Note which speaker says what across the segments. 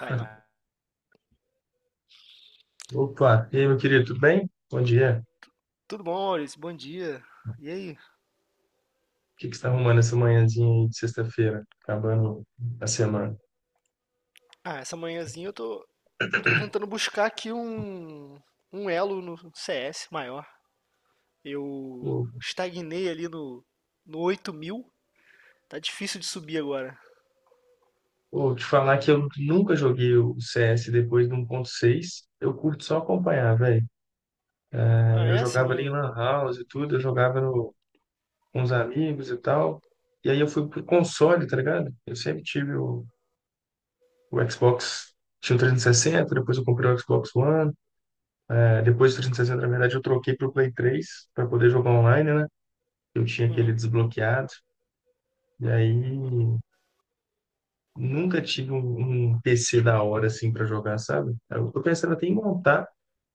Speaker 1: Aí, mas
Speaker 2: Opa, e aí, meu querido, tudo bem? Bom dia. O
Speaker 1: tudo bom, Maurício? Bom dia. E aí?
Speaker 2: que que você está arrumando essa manhãzinha aí de sexta-feira, acabando a semana?
Speaker 1: Ah, essa manhãzinha eu tô tentando buscar aqui um elo no CS maior. Eu
Speaker 2: Vou,
Speaker 1: estagnei ali no 8.000. Tá difícil de subir agora.
Speaker 2: vou te falar que eu nunca joguei o CS depois do 1.6. Eu curto só acompanhar, velho.
Speaker 1: Ah,
Speaker 2: É, eu
Speaker 1: essa? Eu
Speaker 2: jogava ali em
Speaker 1: não.
Speaker 2: Lan House e tudo, eu jogava com os amigos e tal. E aí eu fui pro console, tá ligado? Eu sempre tive o Xbox, tinha o 360, depois eu comprei o Xbox One. É, depois do 360, na verdade, eu troquei pro Play 3 para poder jogar online, né? Eu tinha aquele
Speaker 1: Uhum,
Speaker 2: desbloqueado. E
Speaker 1: uhum.
Speaker 2: aí, nunca tive um PC da hora, assim, para jogar, sabe? Eu tô pensando até em montar,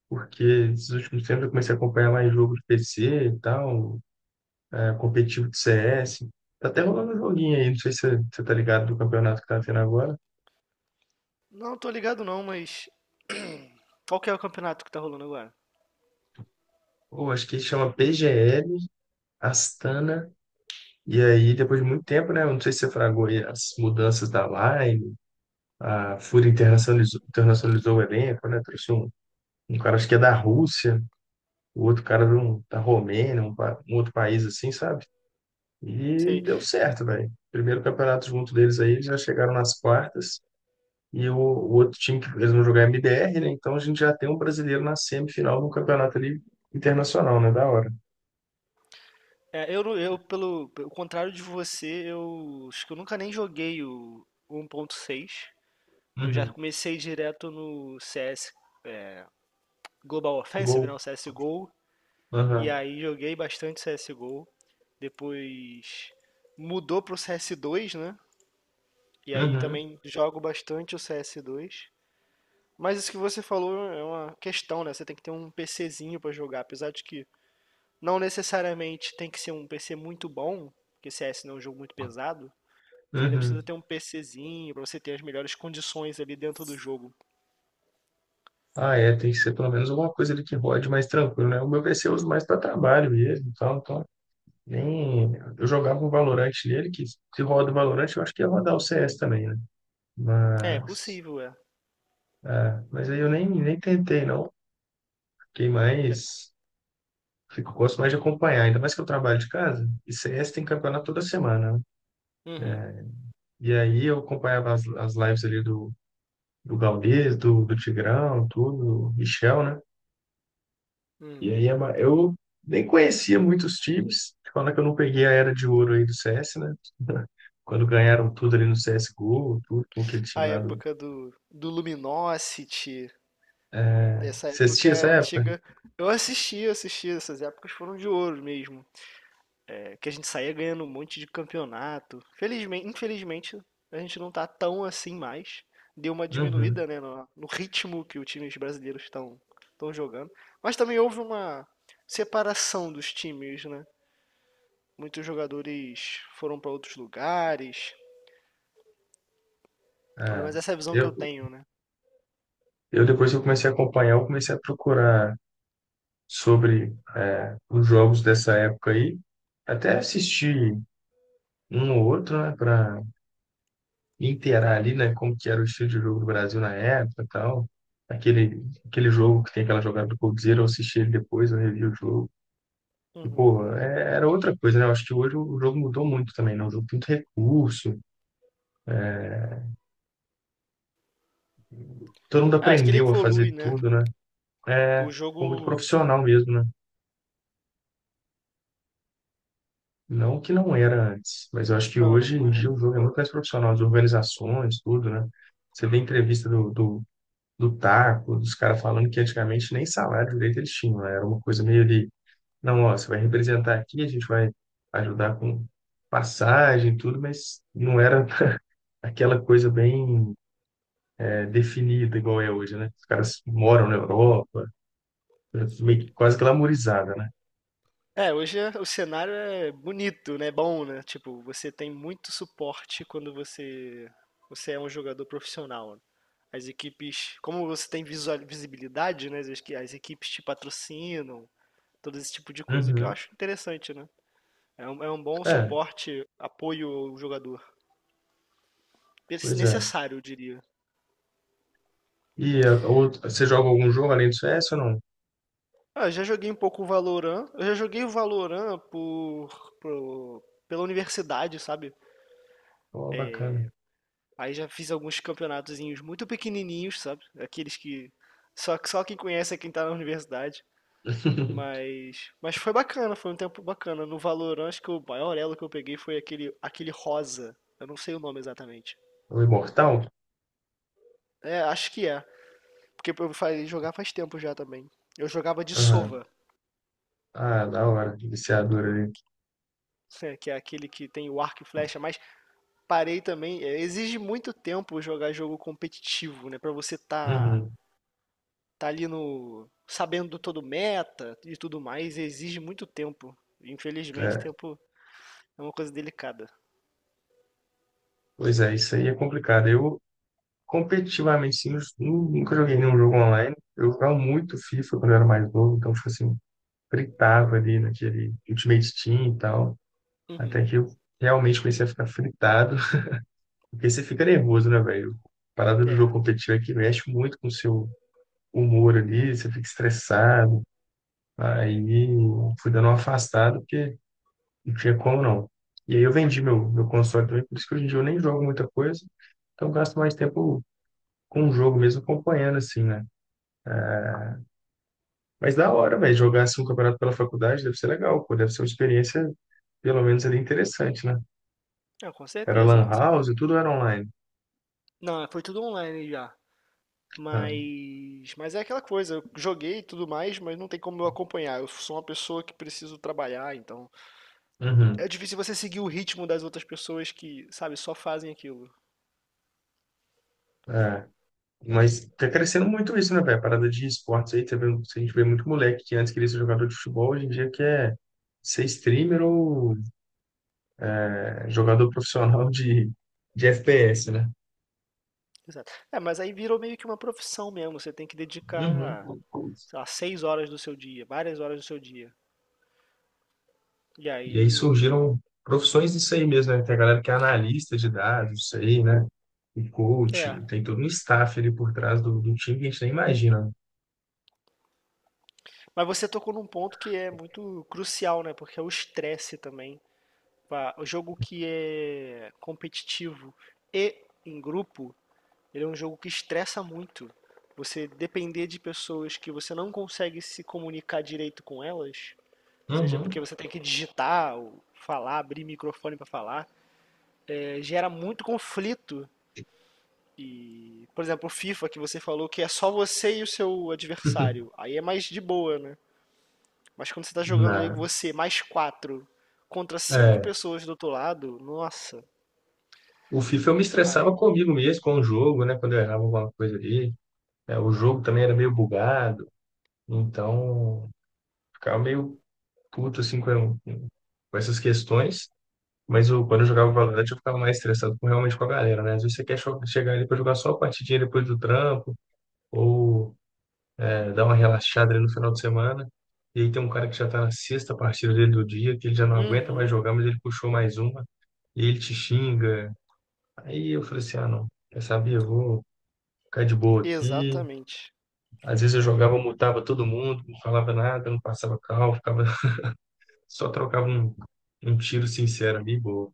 Speaker 2: porque esses últimos tempos eu comecei a acompanhar mais jogo de PC e tal, é, competitivo de CS. Tá até rolando um joguinho aí, não sei se você tá ligado do campeonato que tá tendo agora.
Speaker 1: Não, tô ligado não, mas. Qual que é o campeonato que tá rolando agora?
Speaker 2: Ou acho que chama PGL Astana. E aí, depois de muito tempo, né? Eu não sei se você fragou aí as mudanças da Line, a FURIA internacionalizou o elenco, né? Trouxe um cara, acho que é da Rússia. O outro cara da Romênia, um outro país assim, sabe? E
Speaker 1: Sei.
Speaker 2: deu certo, velho. Primeiro campeonato junto deles aí, eles já chegaram nas quartas. E o outro time que eles vão jogar é MBR, né? Então a gente já tem um brasileiro na semifinal de um campeonato ali internacional, né? Da hora.
Speaker 1: É, eu, não- eu, pelo contrário de você, eu acho que eu nunca nem joguei o 1.6. Eu já
Speaker 2: Uhum.
Speaker 1: comecei direto no CS Global Offensive,
Speaker 2: Gol.
Speaker 1: né, o CSGO, e
Speaker 2: Aham.
Speaker 1: aí joguei bastante CSGO. Depois mudou pro CS2, né? E aí
Speaker 2: Uhum.
Speaker 1: também jogo bastante o CS2. Mas isso que você falou é uma questão, né? Você tem que ter um PCzinho pra jogar, apesar de que não necessariamente tem que ser um PC muito bom, porque CS não é um jogo muito pesado. Você ainda precisa
Speaker 2: Uhum.
Speaker 1: ter um PCzinho pra você ter as melhores condições ali dentro do jogo.
Speaker 2: Ah, é, tem que ser pelo menos alguma coisa ali que rode mais tranquilo, né? O meu PC eu uso mais para trabalho mesmo, então nem eu jogava um Valorant nele, que se roda o Valorant, eu acho que ia rodar o CS também, né?
Speaker 1: É,
Speaker 2: Mas,
Speaker 1: possível, é.
Speaker 2: é, mas aí eu nem tentei, não. Fiquei
Speaker 1: É.
Speaker 2: mais. Fico, gosto mais de acompanhar, ainda mais que eu trabalho de casa. E CS tem campeonato toda semana, né?
Speaker 1: Uhum,
Speaker 2: E aí eu acompanhava as lives ali do Gaules, do Tigrão, tudo, do Michel, né? E
Speaker 1: uhum.
Speaker 2: aí eu nem conhecia muitos times. Falando que eu não peguei a era de ouro aí do CS, né? Quando ganharam tudo ali no CSGO, tudo com aquele time
Speaker 1: A
Speaker 2: lá do.
Speaker 1: época do Luminosity,
Speaker 2: É,
Speaker 1: essa
Speaker 2: você
Speaker 1: época
Speaker 2: assistia essa
Speaker 1: é
Speaker 2: época?
Speaker 1: antiga. Eu assisti, essas épocas foram de ouro mesmo. É, que a gente saía ganhando um monte de campeonato. Felizmente, infelizmente, a gente não tá tão assim mais. Deu uma
Speaker 2: Uhum.
Speaker 1: diminuída, né, no ritmo que os times brasileiros estão jogando. Mas também houve uma separação dos times, né? Muitos jogadores foram para outros lugares.
Speaker 2: É.
Speaker 1: Mas essa é a visão que eu
Speaker 2: Eu,
Speaker 1: tenho, né?
Speaker 2: eu depois que eu comecei a acompanhar, eu comecei a procurar sobre os jogos dessa época aí, até assistir um ou outro, né, para inteirar ali, né, como que era o estilo de jogo do Brasil na época, e tal. Aquele jogo que tem aquela jogada do Coldzera, eu assisti ele depois, eu revi o jogo. E,
Speaker 1: Uhum.
Speaker 2: pô, era outra coisa, né? Eu acho que hoje o jogo mudou muito também, né? O jogo tem muito recurso, todo mundo
Speaker 1: Ah, acho que ele
Speaker 2: aprendeu a
Speaker 1: evolui,
Speaker 2: fazer
Speaker 1: né?
Speaker 2: tudo, né? É,
Speaker 1: O
Speaker 2: ficou muito
Speaker 1: jogo.
Speaker 2: profissional mesmo, né? Não que não era antes, mas eu acho que
Speaker 1: Não, não,
Speaker 2: hoje
Speaker 1: não
Speaker 2: em
Speaker 1: era.
Speaker 2: dia o jogo é muito mais profissional, as organizações, tudo, né? Você vê entrevista do Taco, dos caras falando que antigamente nem salário direito eles tinham, né? Era uma coisa meio ali, não, ó, você vai representar aqui, a gente vai ajudar com passagem, e tudo, mas não era aquela coisa bem definida igual é hoje, né? Os caras moram na Europa, meio, quase glamourizada, né?
Speaker 1: É, hoje o cenário é bonito, né? Bom, né? Tipo, você tem muito suporte quando você é um jogador profissional, né. As equipes, como você tem visibilidade, né? As equipes te patrocinam, todo esse tipo de coisa, o que eu
Speaker 2: Uhum.
Speaker 1: acho interessante, né? É um bom
Speaker 2: É,
Speaker 1: suporte, apoio ao jogador.
Speaker 2: pois é.
Speaker 1: Necessário, eu diria.
Speaker 2: E você joga algum jogo além do CS ou não?
Speaker 1: Ah, eu já joguei um pouco o Valorant. Eu já joguei o Valorant pela universidade, sabe?
Speaker 2: Pô, bacana.
Speaker 1: Aí já fiz alguns campeonatozinhos muito pequenininhos, sabe? Aqueles que só quem conhece é quem tá na universidade. Mas foi bacana, foi um tempo bacana. No Valorant, acho que o maior elo que eu peguei foi aquele rosa. Eu não sei o nome exatamente.
Speaker 2: O Imortal?
Speaker 1: É, acho que é. Porque eu falei jogar faz tempo já também. Eu jogava de
Speaker 2: Aham.
Speaker 1: sova,
Speaker 2: Ah, da hora. Viciador ali.
Speaker 1: né, que é aquele que tem o arco e flecha, mas parei também. É, exige muito tempo jogar jogo competitivo, né? Pra você tá
Speaker 2: Uhum.
Speaker 1: tá ali no sabendo todo meta e tudo mais, exige muito tempo. Infelizmente,
Speaker 2: É.
Speaker 1: tempo é uma coisa delicada.
Speaker 2: Pois é, isso aí é complicado. Competitivamente, sim, eu nunca joguei nenhum jogo online. Eu jogava muito FIFA quando eu era mais novo, então, tipo assim, fritava ali naquele Ultimate Team e tal. Até
Speaker 1: Uhum.
Speaker 2: que eu realmente comecei a ficar fritado. Porque você fica nervoso, né, velho? A parada do
Speaker 1: É.
Speaker 2: jogo competitivo é que mexe muito com o seu humor ali, você fica estressado. Aí fui dando uma afastada, porque não tinha como não. E aí eu vendi meu console também, por isso que hoje em dia eu nem jogo muita coisa. Então eu gasto mais tempo com o jogo mesmo, acompanhando, assim, né? Mas da hora, velho, jogar assim um campeonato pela faculdade deve ser legal, pô, deve ser uma experiência, pelo menos ali, interessante, né?
Speaker 1: É, com
Speaker 2: Era
Speaker 1: certeza,
Speaker 2: lan
Speaker 1: com
Speaker 2: house
Speaker 1: certeza.
Speaker 2: e tudo era online.
Speaker 1: Não, foi tudo online já.
Speaker 2: Ah,
Speaker 1: Mas é aquela coisa, eu joguei e tudo mais, mas não tem como eu acompanhar. Eu sou uma pessoa que preciso trabalhar, então
Speaker 2: uhum,
Speaker 1: é difícil você seguir o ritmo das outras pessoas que, sabe, só fazem aquilo.
Speaker 2: é. Mas tá crescendo muito isso, né, velho? A parada de esportes aí, tá vendo? A gente vê muito moleque que antes queria ser jogador de futebol, hoje em dia quer ser streamer ou jogador profissional de FPS, né?
Speaker 1: Exato. É, mas aí virou meio que uma profissão mesmo. Você tem que
Speaker 2: Uhum.
Speaker 1: dedicar, sei lá, 6 horas do seu dia, várias horas do seu dia. E
Speaker 2: E aí
Speaker 1: aí,
Speaker 2: surgiram profissões disso aí mesmo, né? Tem a galera que é analista de dados, isso aí, né? O coach,
Speaker 1: é.
Speaker 2: tem todo um staff ali por trás do time que a gente nem imagina.
Speaker 1: Mas você tocou num ponto que é muito crucial, né? Porque é o estresse também. Pá, o jogo que é competitivo e em grupo, ele é um jogo que estressa muito. Você depender de pessoas que você não consegue se comunicar direito com elas, seja porque
Speaker 2: Uhum.
Speaker 1: você tem que digitar ou falar, abrir microfone para falar, gera muito conflito. E, por exemplo, o FIFA que você falou que é só você e o seu adversário. Aí é mais de boa, né? Mas quando você tá jogando ali
Speaker 2: Na,
Speaker 1: você mais quatro contra cinco
Speaker 2: é,
Speaker 1: pessoas do outro lado, nossa.
Speaker 2: o FIFA eu me
Speaker 1: Ai.
Speaker 2: estressava comigo mesmo, com o jogo, né? Quando eu errava alguma coisa ali. É, o jogo também era meio bugado, então ficava meio puto assim com essas questões. Mas eu, quando eu jogava Valorant, eu ficava mais estressado realmente com a galera, né? Às vezes você quer chegar ali para jogar só a partidinha depois do trampo, ou dar uma relaxada ali no final de semana. E aí tem um cara que já tá na sexta partida dele do dia, que ele já não aguenta mais
Speaker 1: Uhum,
Speaker 2: jogar, mas ele puxou mais uma, e ele te xinga. Aí eu falei assim: ah, não, quer saber? Eu vou ficar de boa aqui.
Speaker 1: exatamente.
Speaker 2: Às vezes eu jogava, mutava todo mundo, não falava nada, não passava cal ficava, só trocava um tiro sincero ali, boa.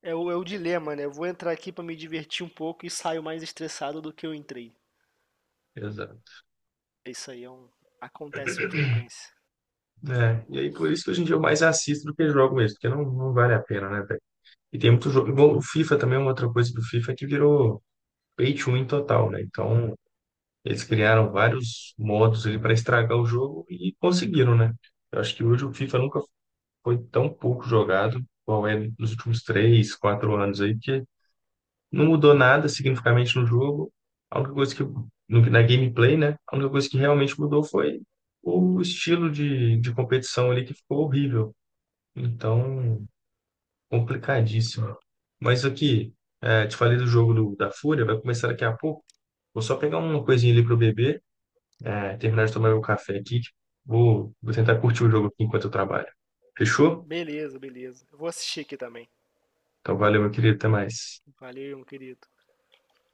Speaker 1: É o dilema, né? Eu vou entrar aqui pra me divertir um pouco e saio mais estressado do que eu entrei.
Speaker 2: Exato.
Speaker 1: Isso aí acontece com frequência.
Speaker 2: É, e aí por isso que hoje em dia eu mais assisto do que jogo mesmo, porque não, não vale a pena, né, velho? E tem muito jogo. Igual o FIFA também, é uma outra coisa do FIFA é que virou pay to win total, né? Então, eles
Speaker 1: Uhum.
Speaker 2: criaram vários modos ali para estragar o jogo e conseguiram, né? Eu acho que hoje o FIFA nunca foi tão pouco jogado, qual é nos últimos 3, 4 anos aí, que não mudou nada significativamente no jogo. A única coisa que, no, na gameplay, né? A única coisa que realmente mudou foi o estilo de competição ali que ficou horrível. Então, complicadíssimo. Mas aqui, é, te falei do jogo da Fúria, vai começar daqui a pouco. Vou só pegar uma coisinha ali para eu beber, é, terminar de tomar meu café aqui. Vou tentar curtir o jogo aqui enquanto eu trabalho. Fechou?
Speaker 1: Beleza, beleza. Eu vou assistir aqui também.
Speaker 2: Então, valeu, meu querido. Até mais.
Speaker 1: Valeu, meu querido.